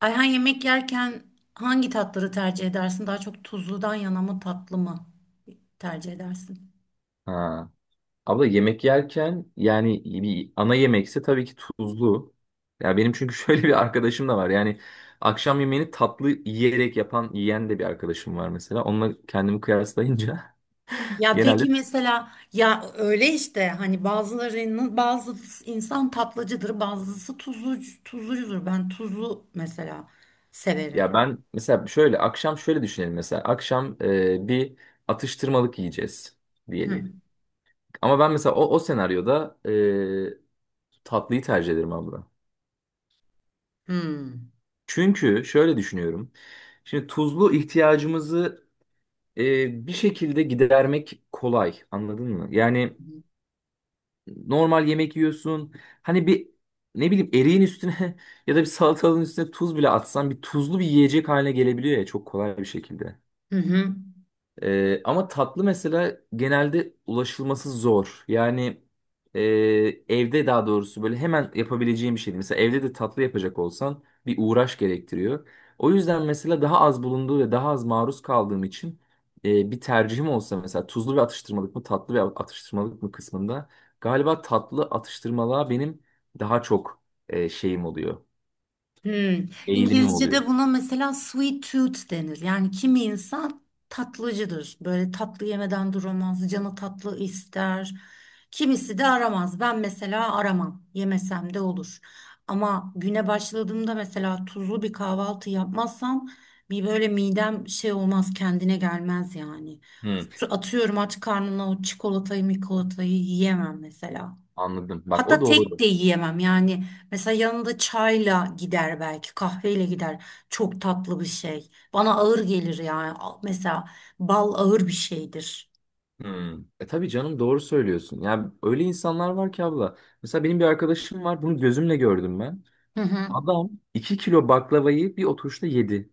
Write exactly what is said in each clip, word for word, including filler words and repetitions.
Ayhan yemek yerken hangi tatları tercih edersin? Daha çok tuzludan yana mı tatlı mı tercih edersin? Ha. Abla yemek yerken yani bir ana yemekse tabii ki tuzlu. Ya benim çünkü şöyle bir arkadaşım da var. Yani akşam yemeğini tatlı yiyerek yapan, yiyen de bir arkadaşım var mesela. Onunla kendimi kıyaslayınca Ya peki genelde mesela ya öyle işte hani bazılarının bazı insan tatlıcıdır, bazısı tuzlu tuzlucudur. Ben tuzlu mesela severim. ya ben mesela şöyle akşam şöyle düşünelim mesela. Akşam e, bir atıştırmalık yiyeceğiz Hı diyelim. Ama ben mesela o, o senaryoda e, tatlıyı tercih ederim abla. hı. Çünkü şöyle düşünüyorum. Şimdi tuzlu ihtiyacımızı e, bir şekilde gidermek kolay, anladın mı? Yani normal yemek yiyorsun, hani bir ne bileyim eriğin üstüne ya da bir salatalığın üstüne tuz bile atsan bir tuzlu bir yiyecek haline gelebiliyor ya, çok kolay bir şekilde. Hı hı. Ee, ama tatlı mesela genelde ulaşılması zor. Yani e, evde, daha doğrusu böyle hemen yapabileceğim bir şey değil. Mesela evde de tatlı yapacak olsan bir uğraş gerektiriyor. O yüzden mesela daha az bulunduğu ve daha az maruz kaldığım için e, bir tercihim olsa mesela tuzlu ve atıştırmalık mı, tatlı ve atıştırmalık mı kısmında galiba tatlı atıştırmalığa benim daha çok e, şeyim oluyor. Hmm. Eğilimim oluyor. İngilizce'de buna mesela sweet tooth denir. Yani kimi insan tatlıcıdır. Böyle tatlı yemeden duramaz, canı tatlı ister. Kimisi de aramaz. Ben mesela aramam. Yemesem de olur. Ama güne başladığımda mesela tuzlu bir kahvaltı yapmazsam bir böyle midem şey olmaz, kendine gelmez yani. Hmm, Atıyorum aç karnına o çikolatayı, mikolatayı yiyemem mesela. anladım. Bak, o Hatta tek doğru. de yiyemem yani. Mesela yanında çayla gider belki, kahveyle gider. Çok tatlı bir şey. Bana ağır gelir yani. Al- Mesela bal ağır bir şeydir. Hmm. E tabii canım, doğru söylüyorsun. Yani öyle insanlar var ki abla. Mesela benim bir arkadaşım var. Bunu gözümle gördüm ben. Hı hı. Adam iki kilo baklavayı bir oturuşta yedi.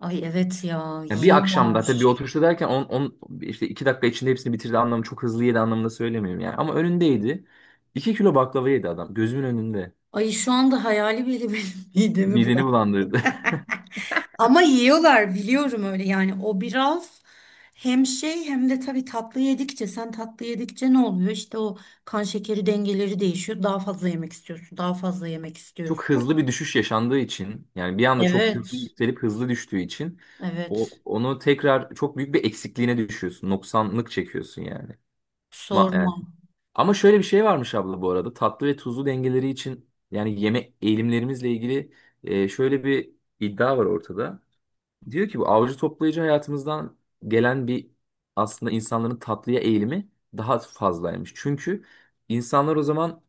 Ay evet ya, Yani bir akşamda, tabii bir yiyorlar. oturuşta derken on, on, işte iki dakika içinde hepsini bitirdi, anlamı çok hızlı yedi anlamında söylemiyorum yani. Ama önündeydi. iki kilo baklava yedi adam. Gözümün önünde. Ay şu anda hayali bile benim midemi Mideni bulandı. bulandırdı. Ama yiyorlar biliyorum öyle yani. O biraz hem şey hem de tabii tatlı yedikçe sen tatlı yedikçe ne oluyor? İşte o kan şekeri dengeleri değişiyor. Daha fazla yemek istiyorsun, daha fazla yemek Çok istiyorsun. hızlı bir düşüş yaşandığı için, yani bir anda çok hızlı Evet. yükselip hızlı düştüğü için o, Evet. onu tekrar çok büyük bir eksikliğine düşüyorsun. Noksanlık çekiyorsun yani. Ma- Sorma. yani ama şöyle bir şey varmış abla bu arada. Tatlı ve tuzlu dengeleri için, yani yeme eğilimlerimizle ilgili e, şöyle bir iddia var ortada. Diyor ki bu avcı toplayıcı hayatımızdan gelen bir, aslında insanların tatlıya eğilimi daha fazlaymış. Çünkü insanlar o zaman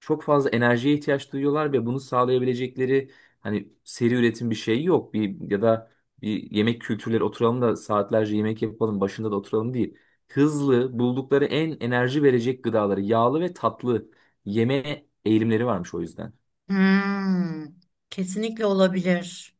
çok fazla enerjiye ihtiyaç duyuyorlar ve bunu sağlayabilecekleri, hani seri üretim bir şey yok. Bir ya da bir yemek kültürleri oturalım da saatlerce yemek yapalım, başında da oturalım değil. Hızlı, buldukları en enerji verecek gıdaları, yağlı ve tatlı yeme eğilimleri varmış o yüzden. Hmm. Kesinlikle olabilir.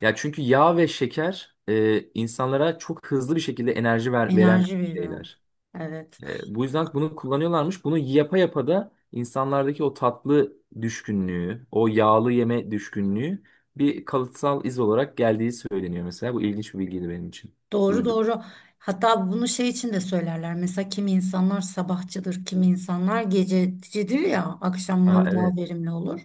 Ya çünkü yağ ve şeker e, insanlara çok hızlı bir şekilde enerji ver, veren Enerji veriyor. şeyler. Evet. E, bu yüzden bunu kullanıyorlarmış. Bunu yapa yapa da insanlardaki o tatlı düşkünlüğü, o yağlı yeme düşkünlüğü bir kalıtsal iz olarak geldiği söyleniyor mesela. Bu ilginç bir bilgiydi benim için. Doğru Duydum. doğru. Hatta bunu şey için de söylerler. Mesela kimi insanlar sabahçıdır, kimi insanlar gececidir ya, Aa, akşamları daha evet. verimli olur.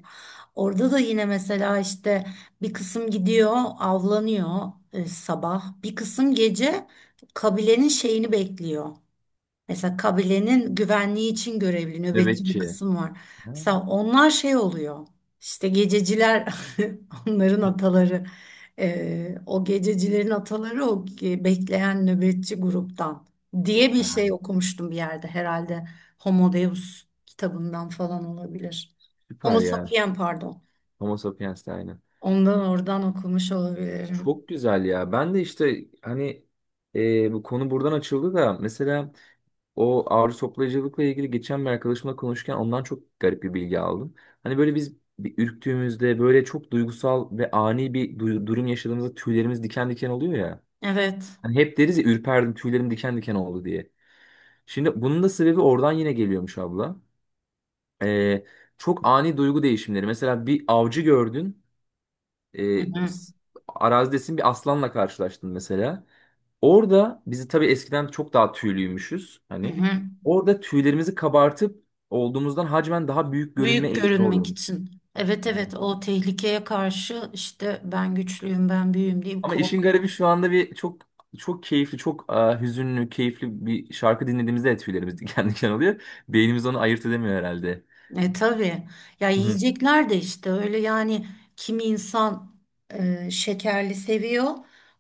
Orada da yine mesela işte bir kısım gidiyor, avlanıyor e, sabah. Bir kısım gece kabilenin şeyini bekliyor. Mesela kabilenin güvenliği için görevli nöbetçi bir Nöbetçi. kısım var. Ha, Mesela onlar şey oluyor. İşte gececiler onların ataları. Ee, o gececilerin ataları o ge- bekleyen nöbetçi gruptan diye bir ha. şey okumuştum bir yerde. Herhalde Homo Deus kitabından falan olabilir. Süper Homo ya. sapien pardon. Homo sapiens de aynı. Ondan oradan okumuş olabilirim. Çok güzel ya. Ben de işte hani e, bu konu buradan açıldı da mesela o ağrı toplayıcılıkla ilgili geçen bir arkadaşımla konuşurken ondan çok garip bir bilgi aldım. Hani böyle biz bir ürktüğümüzde, böyle çok duygusal ve ani bir du- durum yaşadığımızda tüylerimiz diken diken oluyor ya. Evet. Hani hep deriz ya, ürperdim, tüylerim diken diken oldu diye. Şimdi bunun da sebebi oradan yine geliyormuş abla. Ee, çok ani duygu değişimleri. Mesela bir avcı gördün. Hı E, hı. s- arazidesin, bir aslanla karşılaştın mesela. Orada bizi tabii eskiden çok daha tüylüymüşüz Hı hani. hı. Orada tüylerimizi kabartıp olduğumuzdan hacmen daha büyük görünme Büyük eğilimi görünmek oluyormuş. için. Evet Evet. evet o tehlikeye karşı işte ben güçlüyüm ben büyüğüm diye bir Ama işin korku. garibi şu anda bir çok çok keyifli, çok e, hüzünlü, keyifli bir şarkı dinlediğimizde de tüylerimiz diken diken oluyor. Beynimiz onu ayırt edemiyor herhalde. E tabii. Ya Hı hı. yiyecekler de işte öyle yani kimi insan e, şekerli seviyor.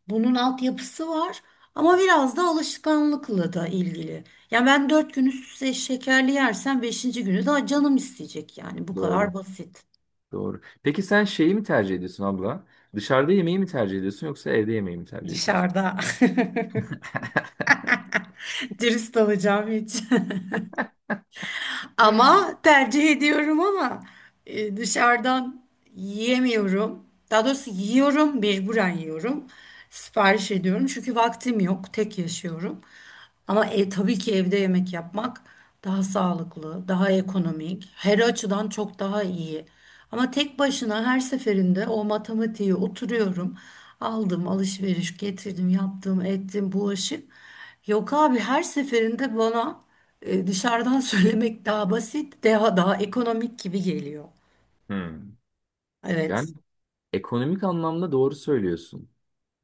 Bunun altyapısı var ama biraz da alışkanlıkla da ilgili. Ya ben dört gün üst üste şekerli yersem beşinci günü daha canım isteyecek yani bu kadar Doğru. basit. Doğru. Peki sen şeyi mi tercih ediyorsun abla? Dışarıda yemeği mi tercih ediyorsun, yoksa evde yemeği mi tercih ediyorsun? Dışarıda. Dürüst olacağım hiç. Ama tercih ediyorum ama e, dışarıdan yiyemiyorum. Daha doğrusu yiyorum, mecburen yiyorum. Sipariş ediyorum çünkü vaktim yok, tek yaşıyorum. Ama e, tabii ki evde yemek yapmak daha sağlıklı, daha ekonomik, her açıdan çok daha iyi. Ama tek başına her seferinde o matematiğe oturuyorum. Aldım alışveriş getirdim yaptım ettim bulaşık. Yok abi her seferinde bana e, dışarıdan söylemek daha basit daha daha ekonomik gibi geliyor. Hmm. Yani Evet ekonomik anlamda doğru söylüyorsun.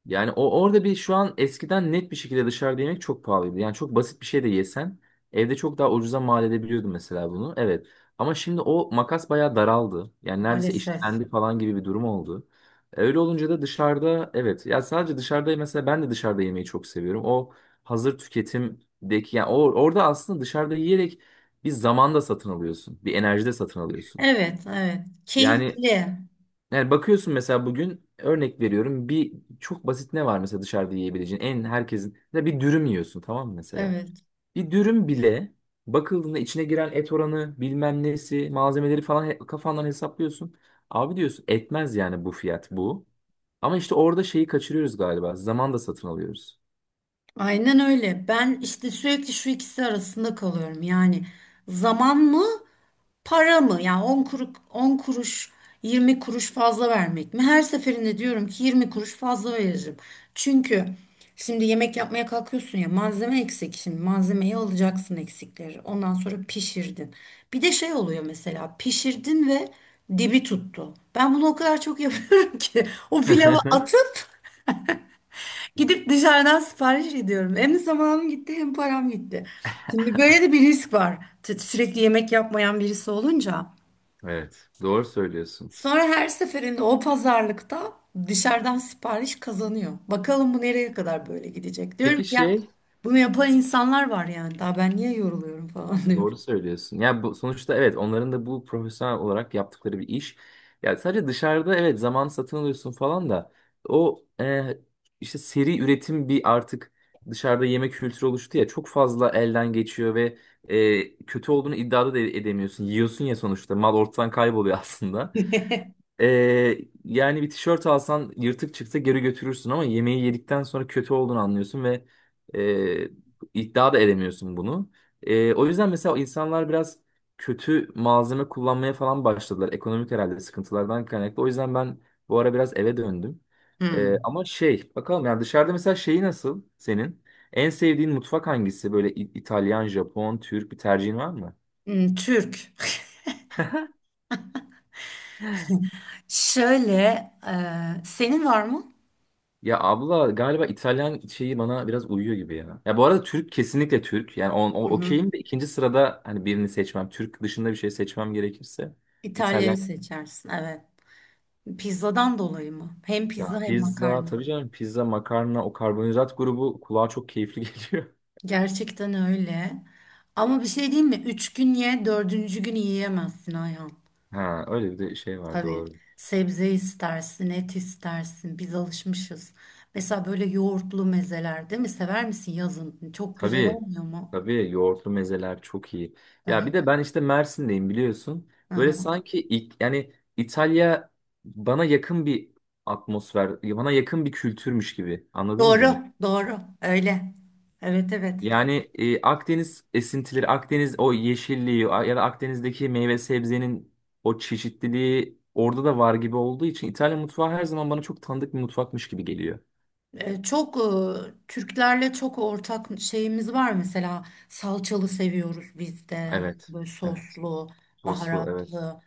Yani o orada bir, şu an eskiden net bir şekilde dışarıda yemek çok pahalıydı. Yani çok basit bir şey de yesen evde çok daha ucuza mal edebiliyordun mesela bunu. Evet. Ama şimdi o makas bayağı daraldı. Yani neredeyse maalesef. eşitlendi falan gibi bir durum oldu. Öyle olunca da dışarıda, evet. Ya sadece dışarıda mesela ben de dışarıda yemeyi çok seviyorum. O hazır tüketimdeki, yani o, orada aslında dışarıda yiyerek bir zamanda satın alıyorsun. Bir enerjide satın alıyorsun. Evet evet Yani keyifli. yani bakıyorsun mesela, bugün örnek veriyorum, bir çok basit ne var mesela dışarıda yiyebileceğin en herkesin, mesela bir dürüm yiyorsun tamam mı mesela. Evet Bir dürüm bile bakıldığında içine giren et oranı, bilmem nesi, malzemeleri falan he- kafandan hesaplıyorsun. Abi diyorsun, etmez yani bu fiyat bu. Ama işte orada şeyi kaçırıyoruz galiba, zaman da satın alıyoruz. aynen öyle. Ben işte sürekli şu ikisi arasında kalıyorum yani zaman mı? Para mı? Yani on kuruş, on kuruş, yirmi kuruş fazla vermek mi? Her seferinde diyorum ki yirmi kuruş fazla veririm. Çünkü şimdi yemek yapmaya kalkıyorsun ya malzeme eksik. Şimdi malzemeyi alacaksın eksikleri. Ondan sonra pişirdin. Bir de şey oluyor mesela pişirdin ve dibi tuttu. Ben bunu o kadar çok yapıyorum ki o pilavı atıp gidip dışarıdan sipariş ediyorum. Hem zamanım gitti hem param gitti. Şimdi böyle de bir risk var. T- Sürekli yemek yapmayan birisi olunca. Evet, doğru söylüyorsun. Sonra her seferinde o pazarlıkta dışarıdan sipariş kazanıyor. Bakalım bu nereye kadar böyle gidecek. Diyorum Peki ki ya şey, bunu yapan insanlar var yani. Daha ben niye yoruluyorum falan E, diyorum. doğru söylüyorsun. Ya bu sonuçta evet, onların da bu profesyonel olarak yaptıkları bir iş. Ya sadece dışarıda evet zaman satın alıyorsun falan da o, e, işte seri üretim bir, artık dışarıda yemek kültürü oluştu ya, çok fazla elden geçiyor ve e, kötü olduğunu iddia da edemiyorsun. Yiyorsun ya sonuçta, mal ortadan kayboluyor aslında. Ee, yani bir tişört alsan yırtık çıksa geri götürürsün ama yemeği yedikten sonra kötü olduğunu anlıyorsun ve e, iddia da edemiyorsun bunu. E, o yüzden mesela insanlar biraz kötü malzeme kullanmaya falan başladılar. Ekonomik herhalde sıkıntılardan kaynaklı. O yüzden ben bu ara biraz eve döndüm. E, Hmm. ama şey bakalım, yani dışarıda mesela şeyi nasıl senin? En sevdiğin mutfak hangisi? Böyle İ- İtalyan, Japon, Türk bir tercihin var mı? Hmm, Türk. Şöyle, e, senin var mı? Ya abla galiba İtalyan şeyi bana biraz uyuyor gibi ya. Ya bu arada Türk, kesinlikle Türk. Yani on, o, Hı hı. okeyim de ikinci sırada hani birini seçmem, Türk dışında bir şey seçmem gerekirse. İtalya'yı İtalyan, seçersin. Evet. Pizzadan dolayı mı? Hem ya pizza hem pizza makarna. tabii canım, pizza, makarna, o karbonhidrat grubu kulağa çok keyifli geliyor. Gerçekten öyle. Ama bir şey diyeyim mi? Üç gün ye, dördüncü gün yiyemezsin Ayhan. Ha öyle bir de şey var, Tabii doğru. sebze istersin, et istersin. Biz alışmışız. Mesela böyle yoğurtlu mezeler değil mi? Sever misin yazın? Çok güzel Tabii. olmuyor mu? Tabii yoğurtlu mezeler çok iyi. Ya Evet. bir de ben işte Mersin'deyim, biliyorsun. Hı Böyle hı. sanki ilk, yani İtalya bana yakın bir atmosfer, bana yakın bir kültürmüş gibi. Anladın mı Doğru, demek? doğru. Öyle. Evet, evet. Yani e, Akdeniz esintileri, Akdeniz o yeşilliği a- ya da Akdeniz'deki meyve sebzenin o çeşitliliği orada da var gibi olduğu için İtalya mutfağı her zaman bana çok tanıdık bir mutfakmış gibi geliyor. E, Çok e, Türklerle çok ortak şeyimiz var mesela salçalı seviyoruz biz de Evet. böyle Evet. soslu Soslu, evet. baharatlı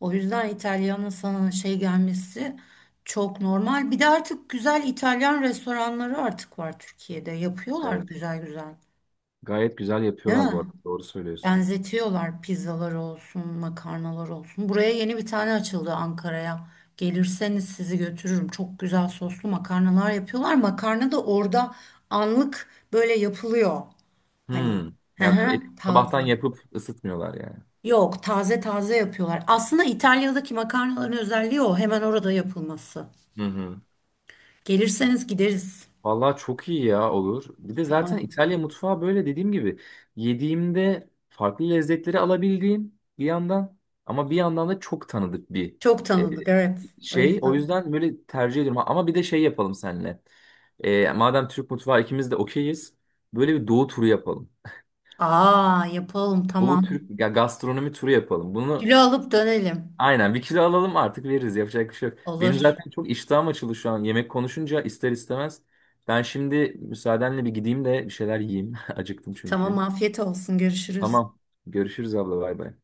o yüzden İtalyan'ın sana şey gelmesi çok normal bir de artık güzel İtalyan restoranları artık var Türkiye'de yapıyorlar Evet. güzel güzel Gayet güzel değil yapıyorlar bu mi? arada. Doğru söylüyorsun. Benzetiyorlar pizzalar olsun, makarnalar olsun. Buraya yeni bir tane açıldı Ankara'ya. Gelirseniz sizi götürürüm. Çok güzel soslu makarnalar yapıyorlar. Makarna da orada anlık böyle yapılıyor. Hani Hmm. hı Yani hı, et sabahtan taze. yapıp ısıtmıyorlar yani. Yok, taze taze yapıyorlar. Aslında İtalya'daki makarnaların özelliği o. Hemen orada yapılması. Hı hı. Gelirseniz gideriz. Vallahi çok iyi ya, olur. Bir de zaten Tamam. İtalya mutfağı böyle dediğim gibi yediğimde farklı lezzetleri alabildiğim bir yandan, ama bir yandan da çok tanıdık bir Çok e, tanıdık, evet. O şey. O yüzden. yüzden böyle tercih ediyorum. Ama bir de şey yapalım seninle. E, madem Türk mutfağı ikimiz de okeyiz, böyle bir doğu turu yapalım. Aa, yapalım, Doğu tamam. Türk, ya gastronomi turu yapalım. Bunu Kilo alıp dönelim. aynen, bir kilo alalım artık, veririz, yapacak bir şey yok. Benim Olur. zaten çok iştahım açıldı şu an, yemek konuşunca ister istemez. Ben şimdi müsaadenle bir gideyim de bir şeyler yiyeyim. Acıktım Tamam çünkü. afiyet olsun görüşürüz. Tamam, görüşürüz abla, bay bay.